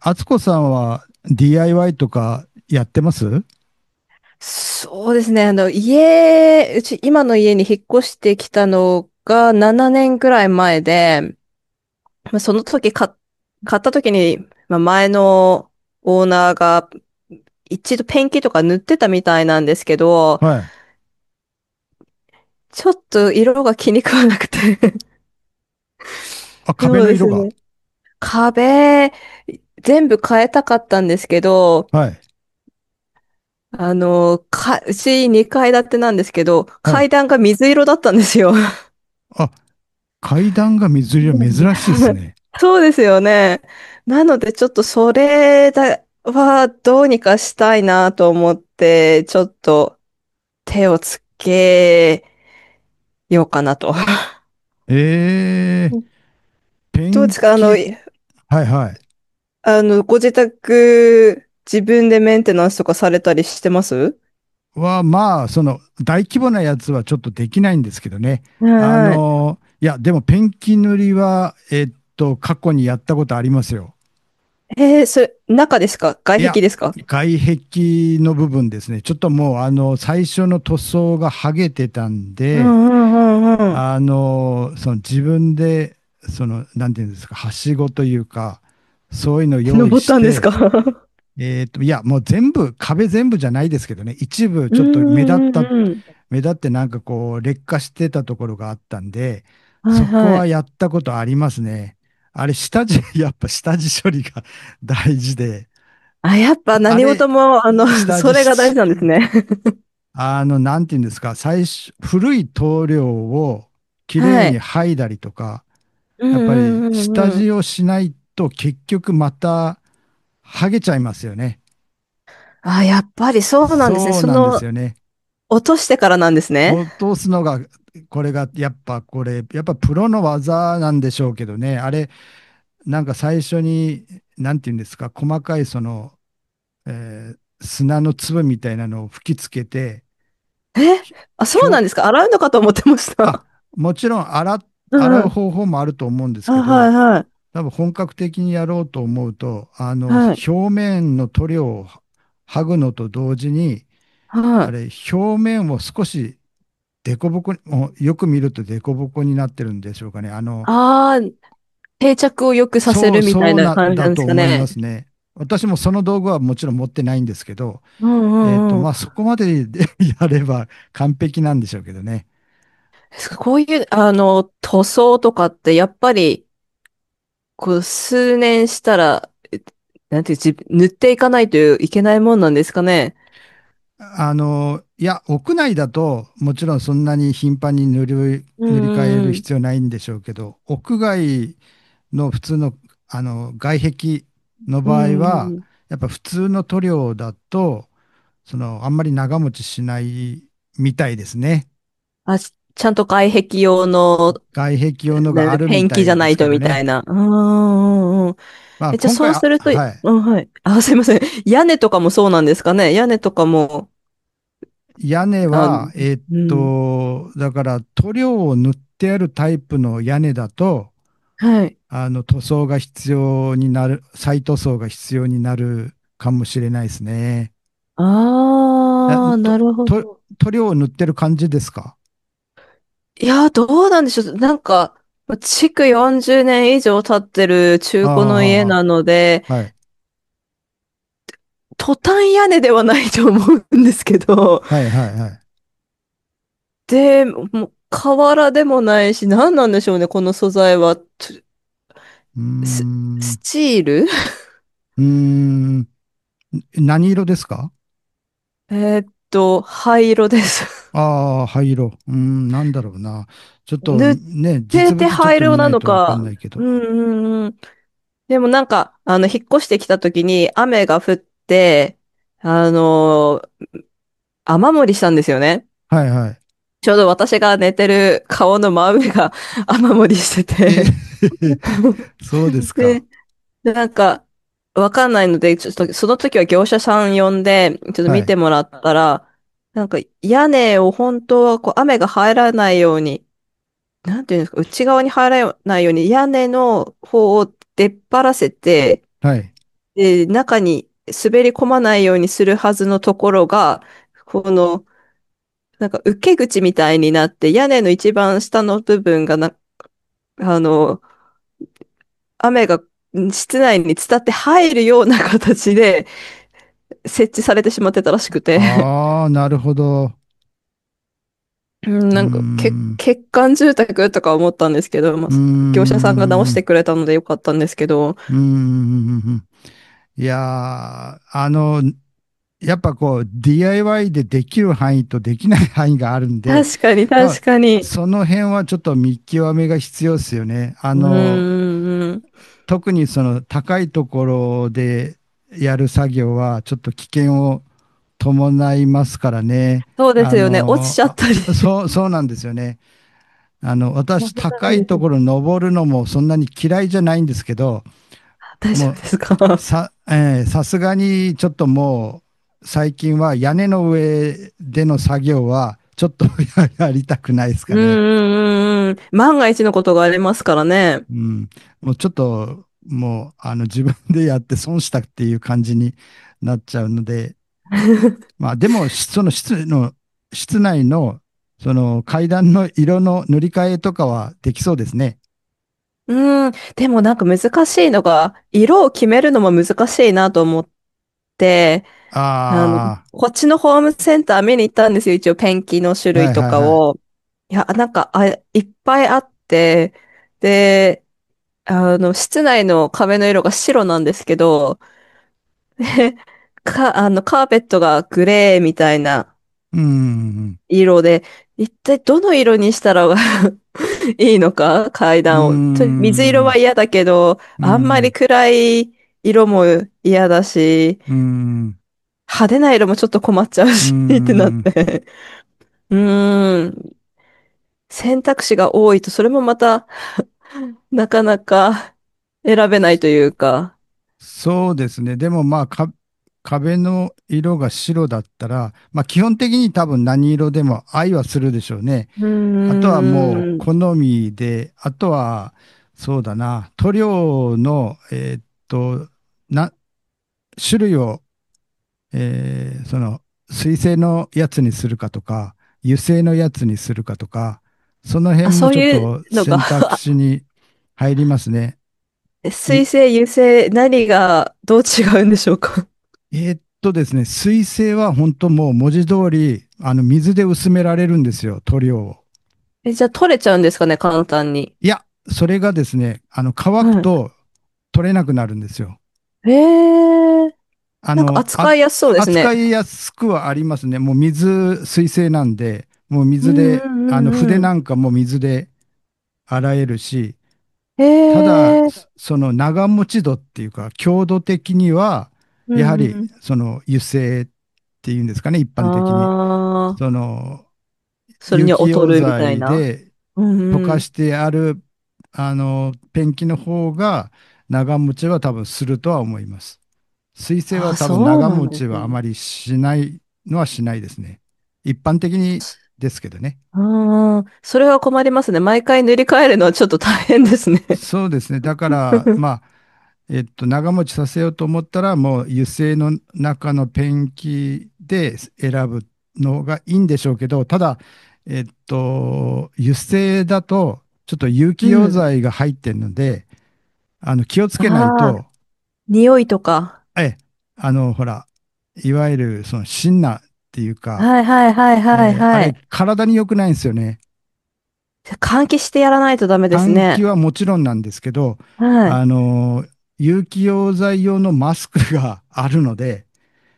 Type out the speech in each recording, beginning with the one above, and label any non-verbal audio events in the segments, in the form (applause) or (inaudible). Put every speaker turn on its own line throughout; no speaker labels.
敦子さんは DIY とかやってます
そうですね。家、うち、今の家に引っ越してきたのが7年くらい前で、その時買っ、買った時に、前のオーナーが一度ペンキとか塗ってたみたいなんですけど、
はい。
ちょっと色が気に食わなくて。
あ、
(laughs) そ
壁
う
の
です
色が。
ね。壁、全部変えたかったんですけど、
はい。
うち2階建てなんですけど、
は
階
い。
段が水色だったんですよ。
あ、階段が水色、珍しいです
(laughs)
ね。
そうですよね。なので、ちょっとそれだはどうにかしたいなと思って、ちょっと手をつけようかなと。
ええ、ペ
どうで
ン
すか
キ。はいはい。
あの、ご自宅、自分でメンテナンスとかされたりしてます？
は、まあ、大規模なやつはちょっとできないんですけどね。
はい
あ
はい。
の、いや、でもペンキ塗りは、過去にやったことありますよ。
えー、それ、中ですか外
いや、
壁ですか？
外壁の部分ですね。ちょっともう、最初の塗装が剥げてたん
う
で、
んうんうんうん。
その自分で、なんていうんですか、はしごというか、そういうの用意
登っ
し
たんですか？
て、
(laughs)
いや、もう全部、壁全部じゃないですけどね、一部
う
ちょっと目立っ
んうん
た、
うんうん。
目立ってなんかこう、劣化してたところがあったんで、
はい
そこ
はい。
はやったことありますね。あれ、下地、(laughs) やっぱ下地処理が (laughs) 大事で、
あ、やっぱ
あ
何事
れ、
も、あの、(laughs)
下
そ
地、
れが大事なんですね。
なんていうんですか、最初、古い棟梁をきれ
は
いに
い。
剥いだりとか、
うん
やっぱり
うんう
下
んう
地
ん。
をしないと結局また剥げちゃいますよね。
あ、やっぱりそうなんですね。
そうなんですよね。
落としてからなんですね。
落とすのが、これが、やっぱこれ、やっぱプロの技なんでしょうけどね、あれ、なんか最初に、なんていうんですか、細かいその、砂の粒みたいなのを吹きつけて、
え、あ、そ
ひ
うなん
表
ですか。洗うのかと思ってまし
あ、
た。
もちろん洗っ、
う
洗
んう
う
ん。
方法もあると思うんです
あ、
け
は
ど、
いは
多分本格的にやろうと思うと、
い。は
表
い。
面の塗料を剥ぐのと同時に、
は
あ
い。
れ、表面を少し凸凹に、もうよく見ると凸凹になってるんでしょうかね。あの、
ああ、定着を良くさせ
そう、
るみたい
そう
な
な、
感じな
だ
んで
と
すか
思いま
ね。
すね。私もその道具はもちろん持ってないんですけど、
うんうんうん。
まあ、そこまでで (laughs) やれば完璧なんでしょうけどね。
こういう、あの、塗装とかってやっぱり、こう、数年したら、なんていう、じ塗っていかないといけないもんなんですかね。
あの、いや、屋内だと、もちろんそんなに頻繁に塗り、
う
塗り替え
ん
る
うん
必要ないんでしょうけど、屋外の普通の、外壁の
う
場合
ん。うん
は、
うん
やっぱ普通の塗料だと、あんまり長持ちしないみたいですね。
あ、ちゃんと外壁用の、
外壁用のがあ
ね、
る
ペ
み
ン
た
キじゃ
いで
な
す
い
け
と
ど
みたい
ね。
な。うんうんうん。
まあ、
え、じゃあ
今
そ
回、
う
あ、
すると、
はい。
うん、はい。あ、すいません。屋根とかもそうなんですかね。屋根とかも、
屋根
あ、
は、
うん。
だから塗料を塗ってあるタイプの屋根だと、
はい。
塗装が必要になる、再塗装が必要になるかもしれないですね。あ
ああ、な
と、
るほ
と、
ど。
塗料を塗ってる感じですか？
いや、どうなんでしょう。なんか、築40年以上経ってる中古の家
あ
なので、
あ、はい。
トタン屋根ではないと思うんですけど、
はい、はい、はい。
で、もう、瓦でもないし、何なんでしょうね、この素材は。
うー
ス、ス
ん。
チール。
うーん。何色ですか？
(laughs) えっと、灰色です。
ああー、灰色。うーん、なんだろうな。ちょっ
(laughs)
と
塗っ
ね、
て
実
て
物ちょっ
灰
と
色
見な
な
い
の
とわかん
か。
ないけ
う
ど。
んうんうん。でもなんか、あの、引っ越してきた時に雨が降って、あのー雨漏りしたんですよね。
はい、はい。
ちょうど私が寝てる顔の真上が (laughs) 雨漏りし
え、
てて。
(laughs) そうです
(laughs)
か。
で、なんか、わかんないので、ちょっと、その時は業者さん呼んで、ちょっと
は
見
い、
てもらったら、なんか屋根を本当はこう雨が入らないように、なんていうんですか、内側に入らないように屋根の方を出っ張らせて、
はい。
で、中に滑り込まないようにするはずのところが、この、なんか受け口みたいになって、屋根の一番下の部分がな、あの、雨が室内に伝って入るような形で設置されてしまってたらしくて、
ああ、なるほど。
(laughs)
うー
なんか、け
ん。
欠陥住宅とか思ったんですけど、まあ、
うー
業者さんが直し
ん、う
てくれたのでよかったんですけど、
ーん。いやー、あの、やっぱこう、DIY でできる範囲とできない範囲があるんで、
確かに
多分、
確かに。
その辺はちょっと見極めが必要ですよね。あ
うん
の、
うんうん。
特にその高いところでやる作業は、ちょっと危険を伴いますからね。
そうです
あ
よね。落ち
の、
ちゃっ
あ、
たりして。(laughs)
そうなんですよね。あの、
危
私、
な
高
い
い
です
と
ね。
ころ登るのもそんなに嫌いじゃないんですけど、
大丈
も
夫
う
ですか？
さ、えーさすがにちょっともう最近は屋根の上での作業はちょっと (laughs) やりたくないです
うん
か
う
ね。
んうんうん。万が一のことがありますからね。
うん。もうちょっともうあの自分でやって損したっていう感じになっちゃうので、
(laughs)
まあでもしその室の、室内のその階段の色の塗り替えとかはできそうですね。
うん。でもなんか難しいのが、色を決めるのも難しいなと思って、あの、
あ
っちのホームセンター見に行ったんですよ。一応ペンキの種
あ、は
類
い
と
はい
か
は
を。
い。
いや、なんか、っぱいあって、で、あの、室内の壁の色が白なんですけど、あの、カーペットがグレーみたいな
うーん、
色で、一体どの色にしたら (laughs) いいのか階
うー
段を。水色
ん、
は
う
嫌だけど、
ー
あんまり
ん、
暗い色も嫌だし、
うーん、
派手な色もちょっと困っちゃう
うー
し (laughs) ってなっ
ん。
て。(laughs) うーん。選択肢が多いと、それもまた、なかなか選べない
そ
というか。
そうですね。でもまあか、壁の色が白だったら、まあ基本的に多分何色でも愛はするでしょうね。
うー
あとはもう好
ん。
みで、あとはそうだな、塗料の、な、種類を、その水性のやつにするかとか、油性のやつにするかとか、その辺
あ、
も
そ
ち
う
ょっ
いう
と
のが、
選択肢に入りますね。い
水星、油星、何がどう違うんでしょうか？
えーっとですね、水性は本当もう文字通り、あの、水で薄められるんですよ、塗料を。
え、じゃあ取れちゃうんですかね、簡単に。
いや、それがですね、あの、乾く
は
と取れなくなるんですよ。
い。えー、
あ
なんか
の、あ、
扱いやすそうですね。
扱いやすくはありますね。もう水、水性なんで、もう
う
水
んう
で、
ん
あの、
うん
筆
う
な
ん。
んかも水で洗えるし、
え
ただ、
ー、
その長持ち度っていうか、強度的には、
う
やはり、
ん
その油性っていうんですかね、一
う
般的に。
ん。
そ
ああ
の、
それ
有
には
機
劣
溶
るみたい
剤
な。
で
うん
溶
う
か
ん。
してある、あの、ペンキの方が長持ちは多分するとは思います。水性
あ
は
あ
多分
そう
長
なん
持ち
です
はあ
ね。
まりしないのはしないですね。一般的にですけどね。
あー、それは困りますね。毎回塗り替えるのはちょっと大変ですね。
そうですね。だから、まあ、
(laughs)
長持ちさせようと思ったら、もう油性の中のペンキで選ぶのがいいんでしょうけど、ただ、油性だと、ちょっと有機
う
溶
ん。
剤が入ってるので、あの、気を
(laughs)
つけない
ああ、
と、
匂いとか。
え、あの、ほら、いわゆる、その、シンナーっていうか、
はいはいはいはい
あ
は
れ、
い。
体に良くないんですよね。
じゃあ換気してやらないとダメです
換
ね。
気はもちろんなんですけど、
は
あ
い。
の、有機溶剤用のマスクがあるので、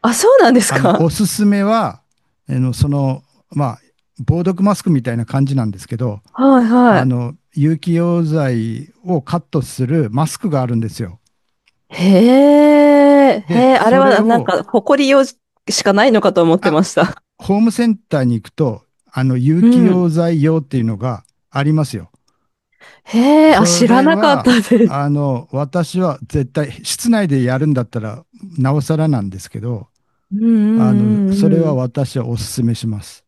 あ、そうなんです
あの、お
か？
すすめは、あの、その、まあ、防毒マスクみたいな感じなんですけど、
はいは
あ
い。
の、有機溶剤をカットするマスクがあるんですよ。
へえ、へ
で、
え、あれ
それ
はなん
を、
か、誇りよしかないのかと思って
あ、
ました。
ホームセンターに行くと、あの、有
う
機溶
ん。
剤用っていうのがありますよ。
へえ、あ、
そ
知ら
れ
なかった
は、
で
あ
す。
の、私は絶対、室内でやるんだったら、なおさらなんですけど、
うん
あの、
うん
そ
う
れ
んう
は
ん。
私はおすすめします。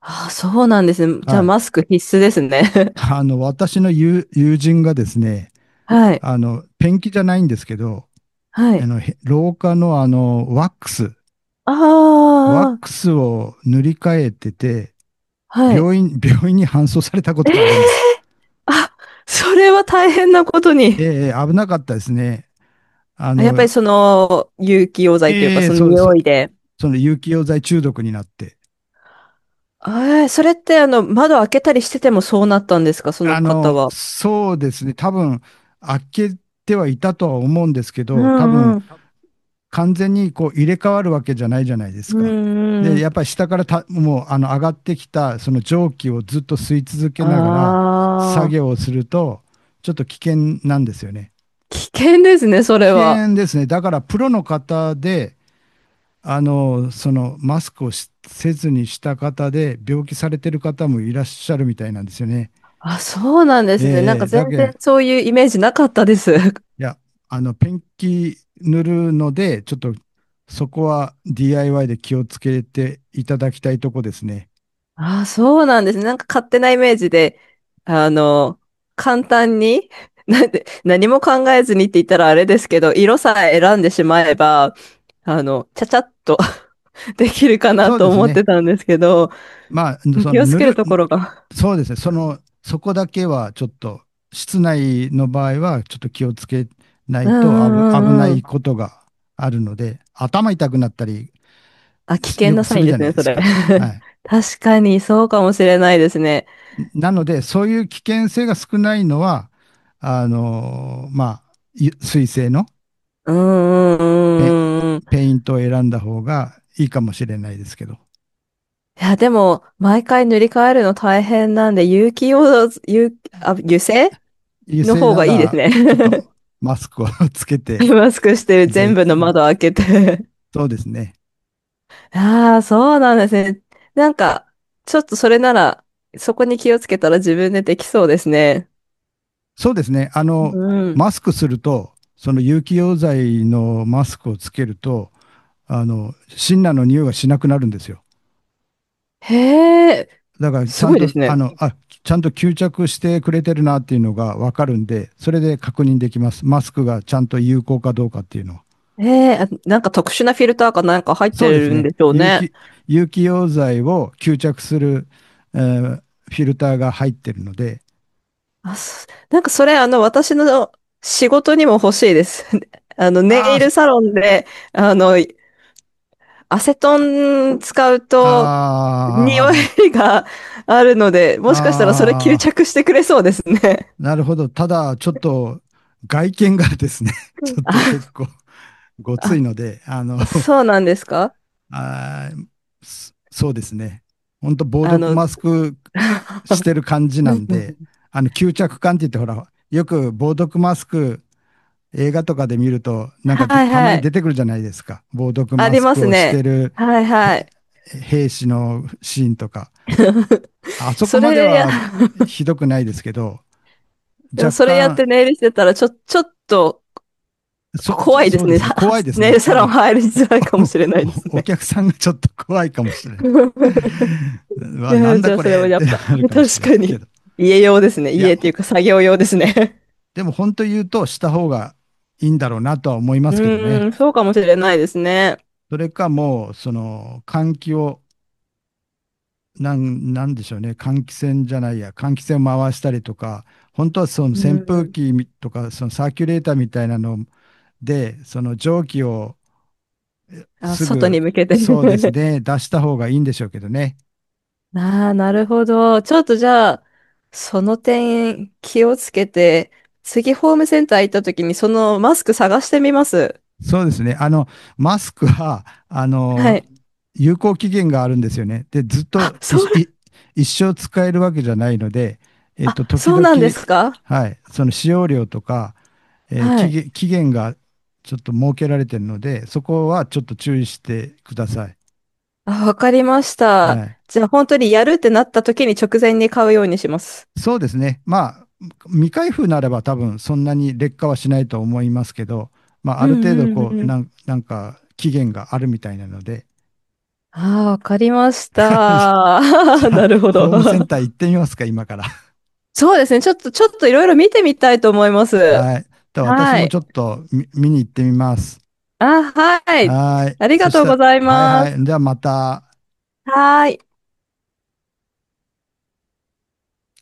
あ、そうなんですね。じゃあ、
はい。
マスク必須ですね。
あの、私の友人がですね、
(laughs) はい。
あの、ペンキじゃないんですけど、
は
あ
い。
の、廊下のあの、ワックス、
あ
ワッ
あ、
クスを塗り替えてて、
はい。
病院、(laughs) 病院に搬送されたことがあるんです。
あ、それは大変なことに。
ええ、危なかったですね。あ
あやっぱり
の、
その、有機溶剤というか、
ええ
その
そう、そ
匂
う、
いで。
その有機溶剤中毒になって。
ええ、それってあの、窓開けたりしててもそうなったんですか、その
あ
方
の、
は。
そうですね。多分、開けてはいたとは思うんですけ
う
ど、多
ん
分、
うん。
完全にこう入れ替わるわけじゃないじゃないです
う
か。
んう
で、
ん。
やっぱり下からたあの上がってきたその蒸気をずっと吸い続
あ
けながら作
あ、
業をすると、ちょっと危険なんですよね。
危険ですね、それ
危
は。
険ですね。だからプロの方で、あの、そのマスクをしせずにした方で病気されてる方もいらっしゃるみたいなんですよね。
あ、そうなんで
ええ
すね。なん
え
か
え
全
だけ
然
ん
そういうイメージなかったです。(laughs)
いや、あの、ペンキ塗るので、ちょっとそこは DIY で気をつけていただきたいとこですね。
あ、そうなんですね。なんか勝手なイメージで、あの、簡単に、(laughs) なんで、何も考えずにって言ったらあれですけど、色さえ選んでしまえば、あの、ちゃちゃっと (laughs) できるかな
そう
と
です
思っ
ね。
てたんですけど、
まあ、そ
気
の
をつ
塗
ける
る、
ところが。
そうですね。そこだけはちょっと、室内の場合はちょっと気をつけな
うん
いと危な
うんうんう
い
ん。
ことがあるので、頭痛くなったり
あ、危険
よ
な
く
サ
す
イ
る
ン
じ
で
ゃ
す
ない
ね、
で
そ
す
れ。
か。はい。
(laughs) 確かに、そうかもしれないですね。
なので、そういう危険性が少ないのは、まあ、水性の
うーん、
ペン、
うん、うん。
ペイントを選んだ方がいいかもしれないですけど、
いや、でも、毎回塗り替えるの大変なんで、有機用、有、あ、油性
油
の
性
方
な
がいいです
らちょっと
ね。(laughs)
マスクを (laughs) つけて、
マスクしてる全
ぜ
部の窓開けて。
そうですね。
(laughs) ああ、そうなんですね。なんか、ちょっとそれなら、そこに気をつけたら自分でできそうですね。
そうですね。あ
う
の、
ん。
マスクすると、その有機溶剤のマスクをつけると、あの、シンナーの匂いがしなくなるんですよ。
へえ、
だからち
す
ゃん
ごいで
と、
すね。
ちゃんと吸着してくれてるなっていうのがわかるんで、それで確認できます。マスクがちゃんと有効かどうかっていうのは。
へえ、あなんか特殊なフィルターかなんか入っ
そ
て
うです
るん
ね。
でしょうね。
有機溶剤を吸着する、えーフィルターが入ってるので、
あ、そなんかそれ、あの、私の仕事にも欲しいです。(laughs) あの、
あ
ネイ
ーそ
ルサロンで、あの、アセトン使う
あ
と、匂
ー、
いがあるので、もしかしたらそれ吸
あ
着してくれそうですね。
なるほど。ただ、ちょっと外見がですね、(laughs)
う
ち
ん
ょっと結
あ、
構ごついので、あの、
あ、
(laughs)
そうなんですか？
あーそうですね。ほんと防
あ
毒
の、
マスクしてる感じなんで、
(laughs)
あの、吸着感って言って、ほら、よく防毒マスク、映画とかで見ると、なんかで
はい
たま
は
に出て
い。
くるじゃないですか。防毒
あ
マ
り
ス
ま
ク
す
をして
ね。
る
はいは
へ
い。
兵士のシーンとか。あ
(laughs)
そこ
そ
まで
れや、
は
(laughs)
ひどくないですけど、
でも
若
それやっ
干、
てネイルしてたら、ちょっと怖いで
そ
す
うで
ね。
すね、怖いで
(laughs)
す
ね、
ね。
サ
多
ロン
分、
入り
お、
づらいかもしれないです
(laughs) お
ね。
客さんがちょっと怖いかもしれない。
(laughs) い
うわ、な
や、
ん
じ
だ
ゃあ
こ
それ
れ
は
っ
やっ
てな
ぱ、
る
(laughs)
かもし
確
れない
か
け
に。
ど。
家用ですね。
いや、
家っていうか作業用ですね。
でも本当言うとした方がいいんだろうなとは思い
(laughs)
ま
う
すけど
ー
ね。
ん、そうかもしれないですね。
それかもう、その、換気をなんでしょうね、換気扇じゃないや、換気扇を回したりとか、本当はその
う
扇風
ん。
機みとか、そのサーキュレーターみたいなので、その蒸気をえ
あ、
す
外に
ぐ、
向けて。
そうです
(laughs)
ね、出した方がいいんでしょうけどね。
ああ、なるほど。ちょっとじゃあ、その点気をつけて、次ホームセンター行った時にそのマスク探してみます。
そうですね、あの、マスクは、あ
は
の、
い。
有効期限があるんですよね。で、ずっ
あ、
とい
そう、
い一生使えるわけじゃないので、
あ、
時
そう
々、
なんですか？
はい、その使用量とか、
はい。
期限がちょっと設けられているので、そこはちょっと注意してください。
あ、わかりまし
は
た。
い。
じゃあ本当にやるってなった時に直前に買うようにします。
そうですね。まあ、未開封ならば多分そんなに劣化はしないと思いますけど、まあ、
う
ある程度
んうん
こ
う
う、
ん。
なんか期限があるみたいなので、
ああ、わかりまし
(laughs)
た。
じ
(laughs)
ゃあ、
なるほ
ホ
ど。
ームセンター行ってみますか、今から。
(laughs) そうですね。ちょっと、ちょっといろいろ見てみたいと思います。
はい。では私
は
も
い。
ちょっと見、見に行ってみます。
あ、はい。
はい。
ありが
そし
とうご
た
ざい
ら、はい
ま
は
す。
い。じゃあまた。
はい。